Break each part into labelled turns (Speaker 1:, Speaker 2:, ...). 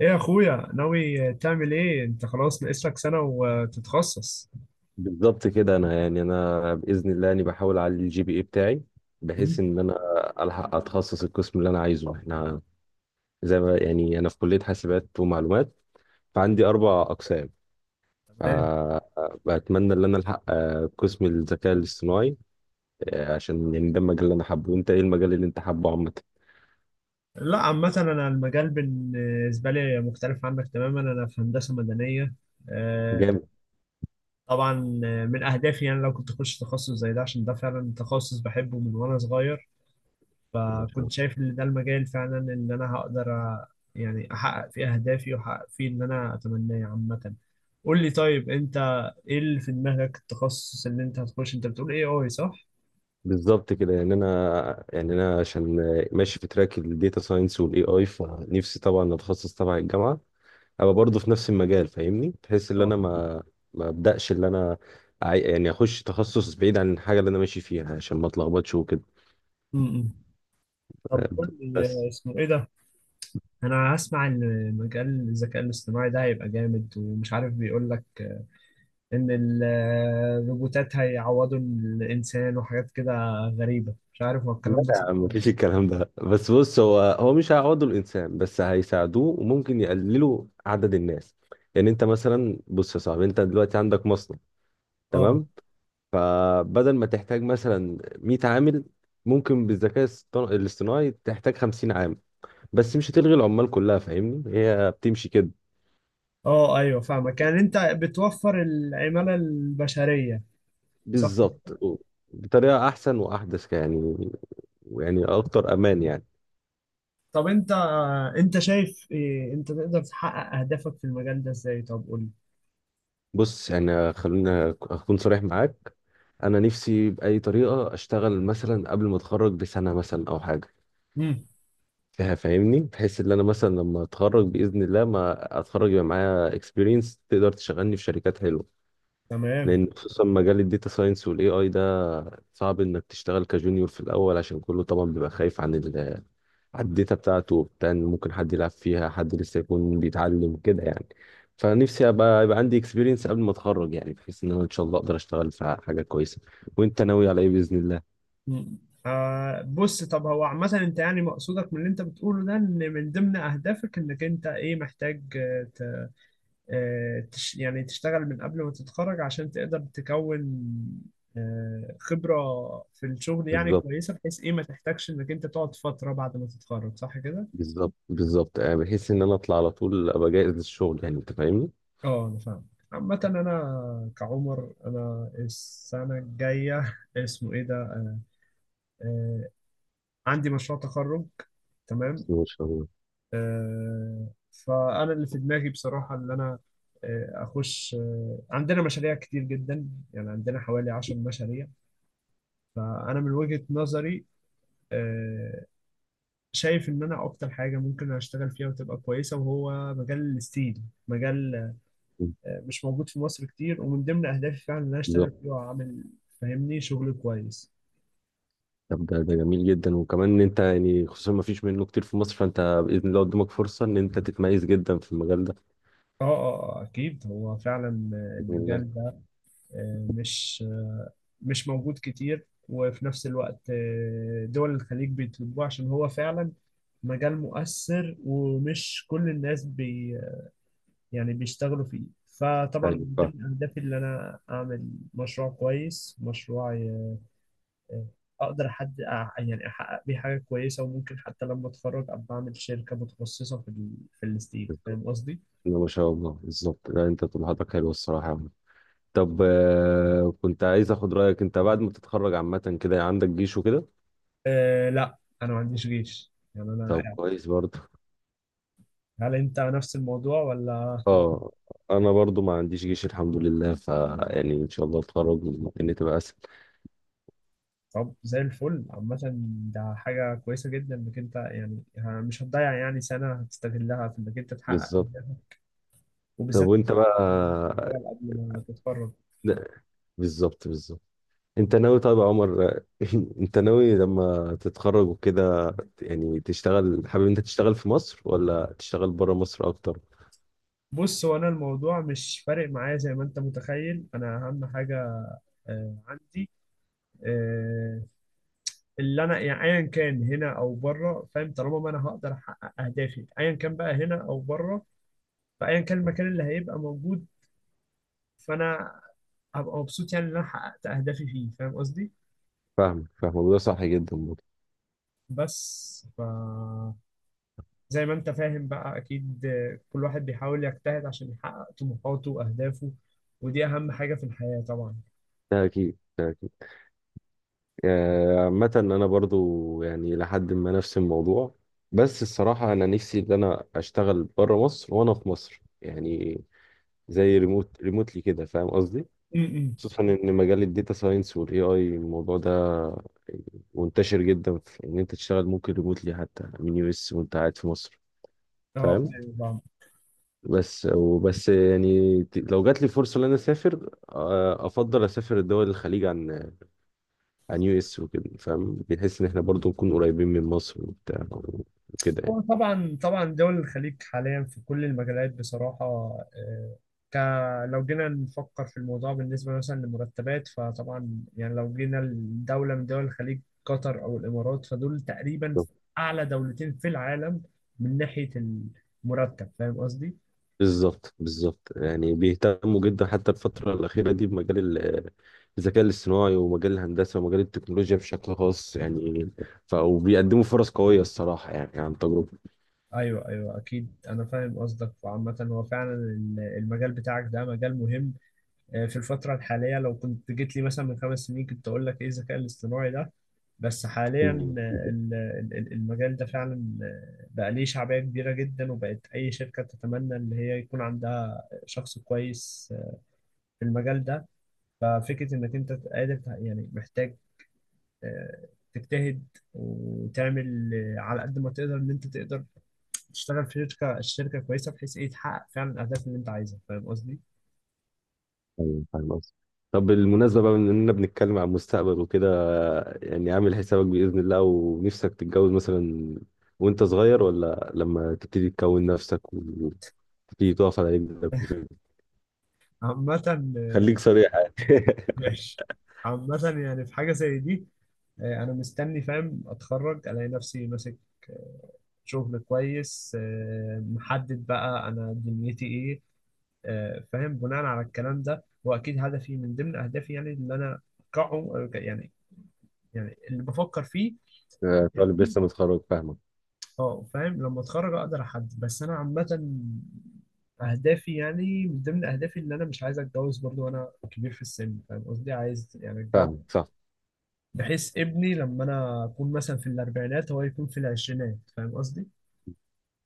Speaker 1: ايه يا اخويا، ناوي تعمل ايه انت؟ خلاص ناقص لك سنة وتتخصص.
Speaker 2: بالظبط كده. انا باذن الله اني بحاول اعلي الجي بي اي بتاعي،
Speaker 1: مم.
Speaker 2: بحيث ان انا الحق اتخصص القسم اللي انا عايزه. احنا زي ما يعني انا في كليه حاسبات ومعلومات، فعندي اربع اقسام.
Speaker 1: تمام.
Speaker 2: فبتمنى ان انا الحق قسم الذكاء الاصطناعي، عشان يعني ده المجال اللي انا حابه. وانت ايه المجال اللي انت حابه عامه؟
Speaker 1: لا، عامة انا المجال بالنسبة لي مختلف عنك تماما، انا في هندسة مدنية. آه،
Speaker 2: جامد،
Speaker 1: طبعا، من اهدافي يعني لو كنت اخش تخصص زي ده عشان ده فعلا تخصص بحبه من وانا صغير،
Speaker 2: ما شاء
Speaker 1: فكنت
Speaker 2: الله.
Speaker 1: شايف ان ده المجال فعلا اللي انا هقدر يعني احقق فيه اهدافي واحقق فيه اللي انا اتمناه عامة. قول لي طيب، انت ايه اللي في دماغك؟ التخصص اللي انت هتخش انت بتقول ايه؟ اي صح؟
Speaker 2: بالظبط كده. يعني انا عشان ماشي في تراك الداتا ساينس والاي اي، فنفسي طبعا اتخصص تبع الجامعه، ابقى برضه في نفس المجال، فاهمني؟ بحيث ان انا
Speaker 1: اه.
Speaker 2: ما ابداش ان انا يعني اخش تخصص بعيد عن الحاجه اللي انا ماشي فيها عشان ما اتلخبطش وكده.
Speaker 1: امم طب قول لي،
Speaker 2: بس
Speaker 1: اسمه ايه ده؟ انا هسمع ان مجال الذكاء الاصطناعي ده هيبقى جامد، ومش عارف بيقول لك ان الروبوتات هيعوضوا الانسان وحاجات كده غريبة، مش عارف هو
Speaker 2: لا
Speaker 1: الكلام ده
Speaker 2: يا
Speaker 1: صح
Speaker 2: عم،
Speaker 1: ولا
Speaker 2: مفيش
Speaker 1: لا.
Speaker 2: الكلام ده. بس بص، هو مش هيعوضوا الانسان، بس هيساعدوه وممكن يقللوا عدد الناس. يعني انت مثلا، بص يا صاحبي، انت دلوقتي عندك مصنع،
Speaker 1: اه
Speaker 2: تمام؟ فبدل ما تحتاج مثلا 100 عامل، ممكن بالذكاء الاصطناعي تحتاج 50 عامل، بس مش هتلغي العمال كلها. فاهمني؟ هي بتمشي كده.
Speaker 1: اه، ايوه فاهمك. يعني انت بتوفر العمالة البشرية، صح.
Speaker 2: بالظبط، بطريقة أحسن وأحدث يعني، يعني أكتر أمان يعني.
Speaker 1: طب انت شايف إيه؟ انت تقدر تحقق اهدافك في المجال ده ازاي؟ طب قول لي.
Speaker 2: بص، يعني خلينا أكون صريح معاك. أنا نفسي بأي طريقة أشتغل مثلا قبل ما أتخرج بسنة مثلا، أو حاجة
Speaker 1: امم
Speaker 2: فيها، فاهمني؟ بحيث إن أنا مثلا لما أتخرج بإذن الله، ما أتخرج يبقى معايا إكسبيرينس تقدر تشغلني في شركات حلوة.
Speaker 1: تمام.
Speaker 2: لأن خصوصا مجال الداتا ساينس والإي آي ده، صعب انك تشتغل كجونيور في الاول، عشان كله طبعا بيبقى خايف عن ال، على الداتا بتاعته، بتاع إن ممكن حد يلعب فيها، حد لسه يكون بيتعلم كده يعني. فنفسي ابقى، يبقى عندي اكسبيرينس قبل ما اتخرج، يعني بحيث ان انا ان شاء الله اقدر اشتغل في حاجه كويسه. وانت ناوي على ايه باذن الله؟
Speaker 1: مم. بص، طب هو عامة انت يعني مقصودك من اللي انت بتقوله ده ان من ضمن اهدافك انك انت ايه، محتاج آه، ت- آه، تش يعني تشتغل من قبل ما تتخرج عشان تقدر تكون خبرة في الشغل يعني
Speaker 2: بالظبط
Speaker 1: كويسة، بحيث ايه ما تحتاجش انك انت تقعد فترة بعد ما تتخرج، صح كده؟
Speaker 2: بالظبط بحيث ان انا اطلع على طول ابقى جاهز للشغل. يعني انت فاهمني؟
Speaker 1: اه انا فاهم. عامة انا كعمر، انا السنة الجاية اسمه ايه ده، آه، عندي مشروع تخرج.
Speaker 2: بسم
Speaker 1: تمام.
Speaker 2: الله ما شاء الله.
Speaker 1: فأنا اللي في دماغي بصراحة اللي أنا أخش، عندنا مشاريع كتير جدا، يعني عندنا حوالي 10 مشاريع. فأنا من وجهة نظري آه، شايف إن أنا أكتر حاجة ممكن أشتغل فيها وتبقى كويسة، وهو مجال الستيل. مجال
Speaker 2: مم.
Speaker 1: مش موجود في مصر كتير، ومن ضمن أهدافي فعلا إن أنا أشتغل
Speaker 2: بالظبط.
Speaker 1: فيه وأعمل، فاهمني، شغل كويس.
Speaker 2: طب ده جميل جدا، وكمان ان انت يعني خصوصا ما فيش منه كتير في مصر، فانت باذن الله قدامك فرصه ان انت تتميز جدا في المجال ده.
Speaker 1: اه اه، اكيد هو فعلا
Speaker 2: بسم الله.
Speaker 1: المجال ده آه، مش مش موجود كتير، وفي نفس الوقت دول الخليج بيطلبوه، عشان هو فعلا مجال مؤثر، ومش كل الناس يعني بيشتغلوا فيه. فطبعا
Speaker 2: طيب
Speaker 1: من
Speaker 2: بقى.
Speaker 1: ضمن أهدافي إن أنا أعمل مشروع كويس، أقدر حد، يعني أحقق بيه حاجة كويسة، وممكن حتى لما أتخرج أبقى أعمل شركة متخصصة في الستيل،
Speaker 2: بالظبط.
Speaker 1: فاهم قصدي؟
Speaker 2: إنما ما شاء الله بالظبط. لا، انت طموحاتك حلوه الصراحه يا عم. طب كنت عايز اخد رايك. انت بعد ما تتخرج عامه كده، يعني عندك جيش وكده؟
Speaker 1: أه لا، أنا ما عنديش جيش، يعني أنا
Speaker 2: طب
Speaker 1: يعني،
Speaker 2: كويس برضه.
Speaker 1: هل أنت نفس الموضوع ولا؟
Speaker 2: اه، انا برضه ما عنديش جيش الحمد لله، ف يعني ان شاء الله اتخرج ممكن تبقى اسهل.
Speaker 1: طب زي الفل، عامة ده حاجة كويسة جدا انك انت يعني مش هتضيع يعني سنة، هتستغلها في انك انت تحقق
Speaker 2: بالظبط.
Speaker 1: أهدافك،
Speaker 2: طب
Speaker 1: وبالذات
Speaker 2: وانت بقى؟
Speaker 1: إنك تشتغل قبل ما تتخرج.
Speaker 2: لا، بالظبط. انت ناوي طيب يا عمر؟ انت ناوي لما تتخرج وكده، يعني تشتغل، حابب انت تشتغل في مصر، ولا تشتغل بره مصر اكتر؟
Speaker 1: بص، هو انا الموضوع مش فارق معايا زي ما انت متخيل، انا اهم حاجة عندي، آه، اللي انا يعني ايا كان هنا او بره، فاهم، طالما ما انا هقدر احقق اهدافي ايا كان بقى هنا او بره، فايا كان المكان اللي هيبقى موجود فانا هبقى مبسوط، يعني ان انا حققت اهدافي فيه، فاهم قصدي؟
Speaker 2: فاهمك وده صح جدا برضه.
Speaker 1: بس، زي ما انت فاهم بقى اكيد، كل واحد بيحاول يجتهد عشان يحقق طموحاته واهدافه، ودي اهم حاجة في الحياة طبعا.
Speaker 2: ده اكيد، ده اكيد. عامة انا برضو يعني لحد ما نفس الموضوع، بس الصراحة انا نفسي ان انا اشتغل بره مصر وانا في مصر، يعني زي ريموت، ريموتلي كده، فاهم قصدي؟
Speaker 1: امم
Speaker 2: خصوصا ان مجال الداتا ساينس والاي اي، الموضوع ده منتشر جدا في ان انت تشتغل ممكن ريموتلي حتى من يو اس وانت قاعد في مصر،
Speaker 1: اه
Speaker 2: فاهم؟
Speaker 1: ايوه طبعا.
Speaker 2: وبس يعني، لو جات لي فرصة ان انا اسافر، افضل اسافر دول الخليج عن، عن يو اس وكده، فاهم؟ بنحس ان احنا برضو نكون قريبين من مصر وبتاع وكده يعني.
Speaker 1: هو طبعا طبعا، دول الخليج حاليا في كل المجالات بصراحة، آه، ك لو جينا نفكر في الموضوع بالنسبة مثلا للمرتبات، فطبعا يعني لو جينا لدولة من دول الخليج، قطر أو الإمارات، فدول تقريبا أعلى دولتين في العالم من ناحية المرتب، فاهم قصدي؟
Speaker 2: بالظبط، يعني بيهتموا جدا حتى الفترة الأخيرة دي بمجال الذكاء الاصطناعي ومجال الهندسة ومجال التكنولوجيا بشكل خاص يعني. ف وبيقدموا فرص قوية الصراحة، يعني عن تجربة.
Speaker 1: ايوه ايوه، اكيد انا فاهم قصدك. وعامة هو فعلا المجال بتاعك ده مجال مهم في الفترة الحالية. لو كنت جيت لي مثلا من 5 سنين، كنت اقول لك ايه الذكاء الاصطناعي ده؟ بس حاليا
Speaker 2: مم.
Speaker 1: المجال ده فعلا بقى ليه شعبية كبيرة جدا، وبقت اي شركة تتمنى ان هي يكون عندها شخص كويس في المجال ده. ففكرة انك انت قادر يعني محتاج آه، تجتهد، وتعمل على قد ما تقدر ان انت تقدر تشتغل في شركه كويسه، بحيث ايه تحقق فعلا الاهداف اللي انت عايزها، فاهم قصدي؟
Speaker 2: أيوة، فاهم قصدي. طب بالمناسبة بقى، من إننا بنتكلم عن المستقبل وكده، يعني عامل حسابك بإذن الله، ونفسك تتجوز مثلا وأنت صغير، ولا لما تبتدي تكون نفسك في، تقف على رجلك وكده؟
Speaker 1: عامة
Speaker 2: خليك صريح يعني.
Speaker 1: ماشي، عامة يعني في حاجة زي دي أنا مستني، فاهم، أتخرج ألاقي نفسي ماسك شغل كويس محدد بقى أنا دنيتي إيه، فاهم، بناء على الكلام ده. وأكيد هدفي، من ضمن أهدافي يعني اللي أنا أحققه يعني اللي بفكر فيه.
Speaker 2: طالب لسه متخرج، فاهمك.
Speaker 1: اه فاهم، لما اتخرج اقدر احدد، بس انا عامه اهدافي، يعني من ضمن اهدافي ان انا مش عايز اتجوز برضو وانا كبير في السن، فاهم قصدي، عايز يعني اتجوز
Speaker 2: فاهمك، صح.
Speaker 1: بحيث ابني لما انا اكون مثلا في الاربعينات هو يكون في العشرينات، فاهم قصدي.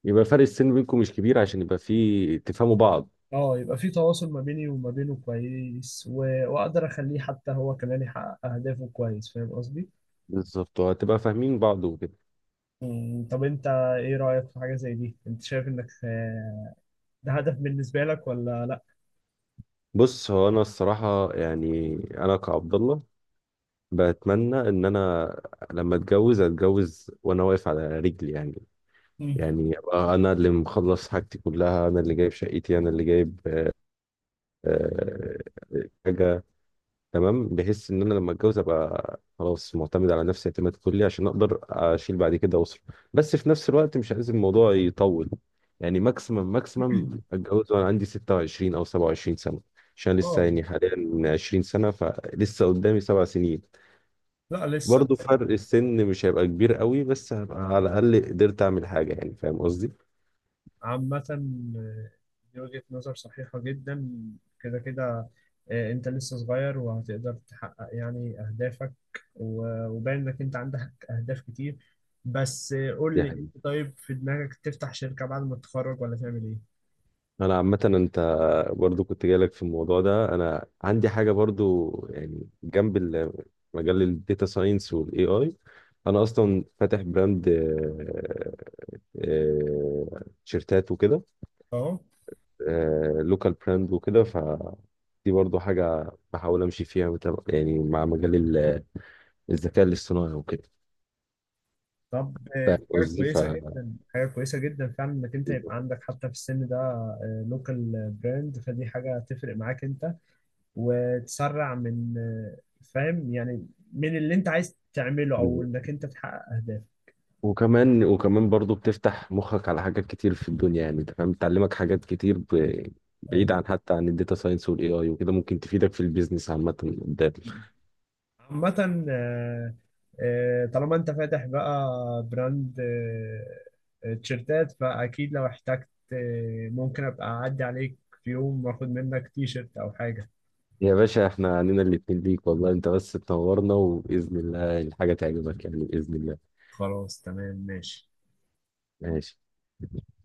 Speaker 2: يبقى فرق السن بينكم مش كبير، عشان يبقى في تفهموا بعض.
Speaker 1: اه، يبقى في تواصل ما بيني وما بينه كويس، واقدر اخليه حتى هو كمان يحقق اهدافه كويس، فاهم قصدي.
Speaker 2: بالظبط، وهتبقى فاهمين بعض وكده.
Speaker 1: طب انت، ايه رايك في حاجه زي دي؟ انت شايف انك ده هدف بالنسبه لك ولا لا؟
Speaker 2: بص، هو انا الصراحه يعني انا كعبد الله بتمنى ان انا لما اتجوز، اتجوز وانا واقف على رجلي، يعني
Speaker 1: مم.
Speaker 2: يعني ابقى انا اللي مخلص حاجتي كلها، انا اللي جايب شقتي، انا اللي جايب آه، حاجه، تمام؟ بحيث ان انا لما اتجوز ابقى خلاص معتمد على نفسي اعتماد كلي، عشان اقدر اشيل بعد كده اسره. بس في نفس الوقت مش عايز الموضوع يطول. يعني ماكسيمم اتجوز وانا عندي 26 او 27 سنه، عشان لسه
Speaker 1: اه
Speaker 2: يعني حاليا 20 سنه، فلسه قدامي 7 سنين.
Speaker 1: لا لسه.
Speaker 2: برضو فرق السن مش هيبقى كبير قوي، بس هبقى على الاقل قدرت اعمل حاجه، يعني فاهم قصدي؟
Speaker 1: عامة آه، دي وجهة نظر صحيحة جدا، كده كده. انت لسه صغير وهتقدر تحقق يعني اهدافك، وباين انك انت عندك اهداف كتير. بس قول
Speaker 2: دي
Speaker 1: لي
Speaker 2: حقيقة.
Speaker 1: انت طيب، في دماغك تفتح شركة بعد ما تتخرج ولا تعمل ايه؟
Speaker 2: انا عامه انت، برضو كنت جايلك في الموضوع ده. انا عندي حاجه برضو يعني جنب مجال الداتا ساينس والاي اي، انا اصلا فاتح براند، تيشيرتات وكده،
Speaker 1: اه.
Speaker 2: لوكال براند وكده، فدي برضو حاجة بحاول أمشي فيها. يعني مع مجال الذكاء الاصطناعي وكده،
Speaker 1: طب
Speaker 2: فاهم
Speaker 1: دي حاجة
Speaker 2: قصدي؟ ف
Speaker 1: كويسة جدا، حاجة كويسة جدا فعلا انك انت يبقى
Speaker 2: بالظبط.
Speaker 1: عندك حتى في السن ده لوكال براند، فدي حاجة تفرق معاك انت، وتسرع من، فاهم، يعني من اللي انت عايز تعمله او انك انت تحقق اهدافك.
Speaker 2: وكمان برضو بتفتح مخك على حاجات كتير في الدنيا، يعني انت فاهم؟ بتعلمك حاجات كتير،
Speaker 1: اه
Speaker 2: بعيد عن حتى عن الداتا ساينس والاي اي وكده، ممكن تفيدك في البيزنس عامة قدام.
Speaker 1: عامة طالما انت فاتح بقى براند تيشيرتات، فاكيد لو احتجت ممكن ابقى اعدي عليك في يوم، واخد منك تيشيرت او حاجة.
Speaker 2: يا باشا احنا عنينا الاتنين ليك والله، انت بس تنورنا، وبإذن الله الحاجة تعجبك يعني، بإذن الله.
Speaker 1: خلاص تمام ماشي.
Speaker 2: ماشي.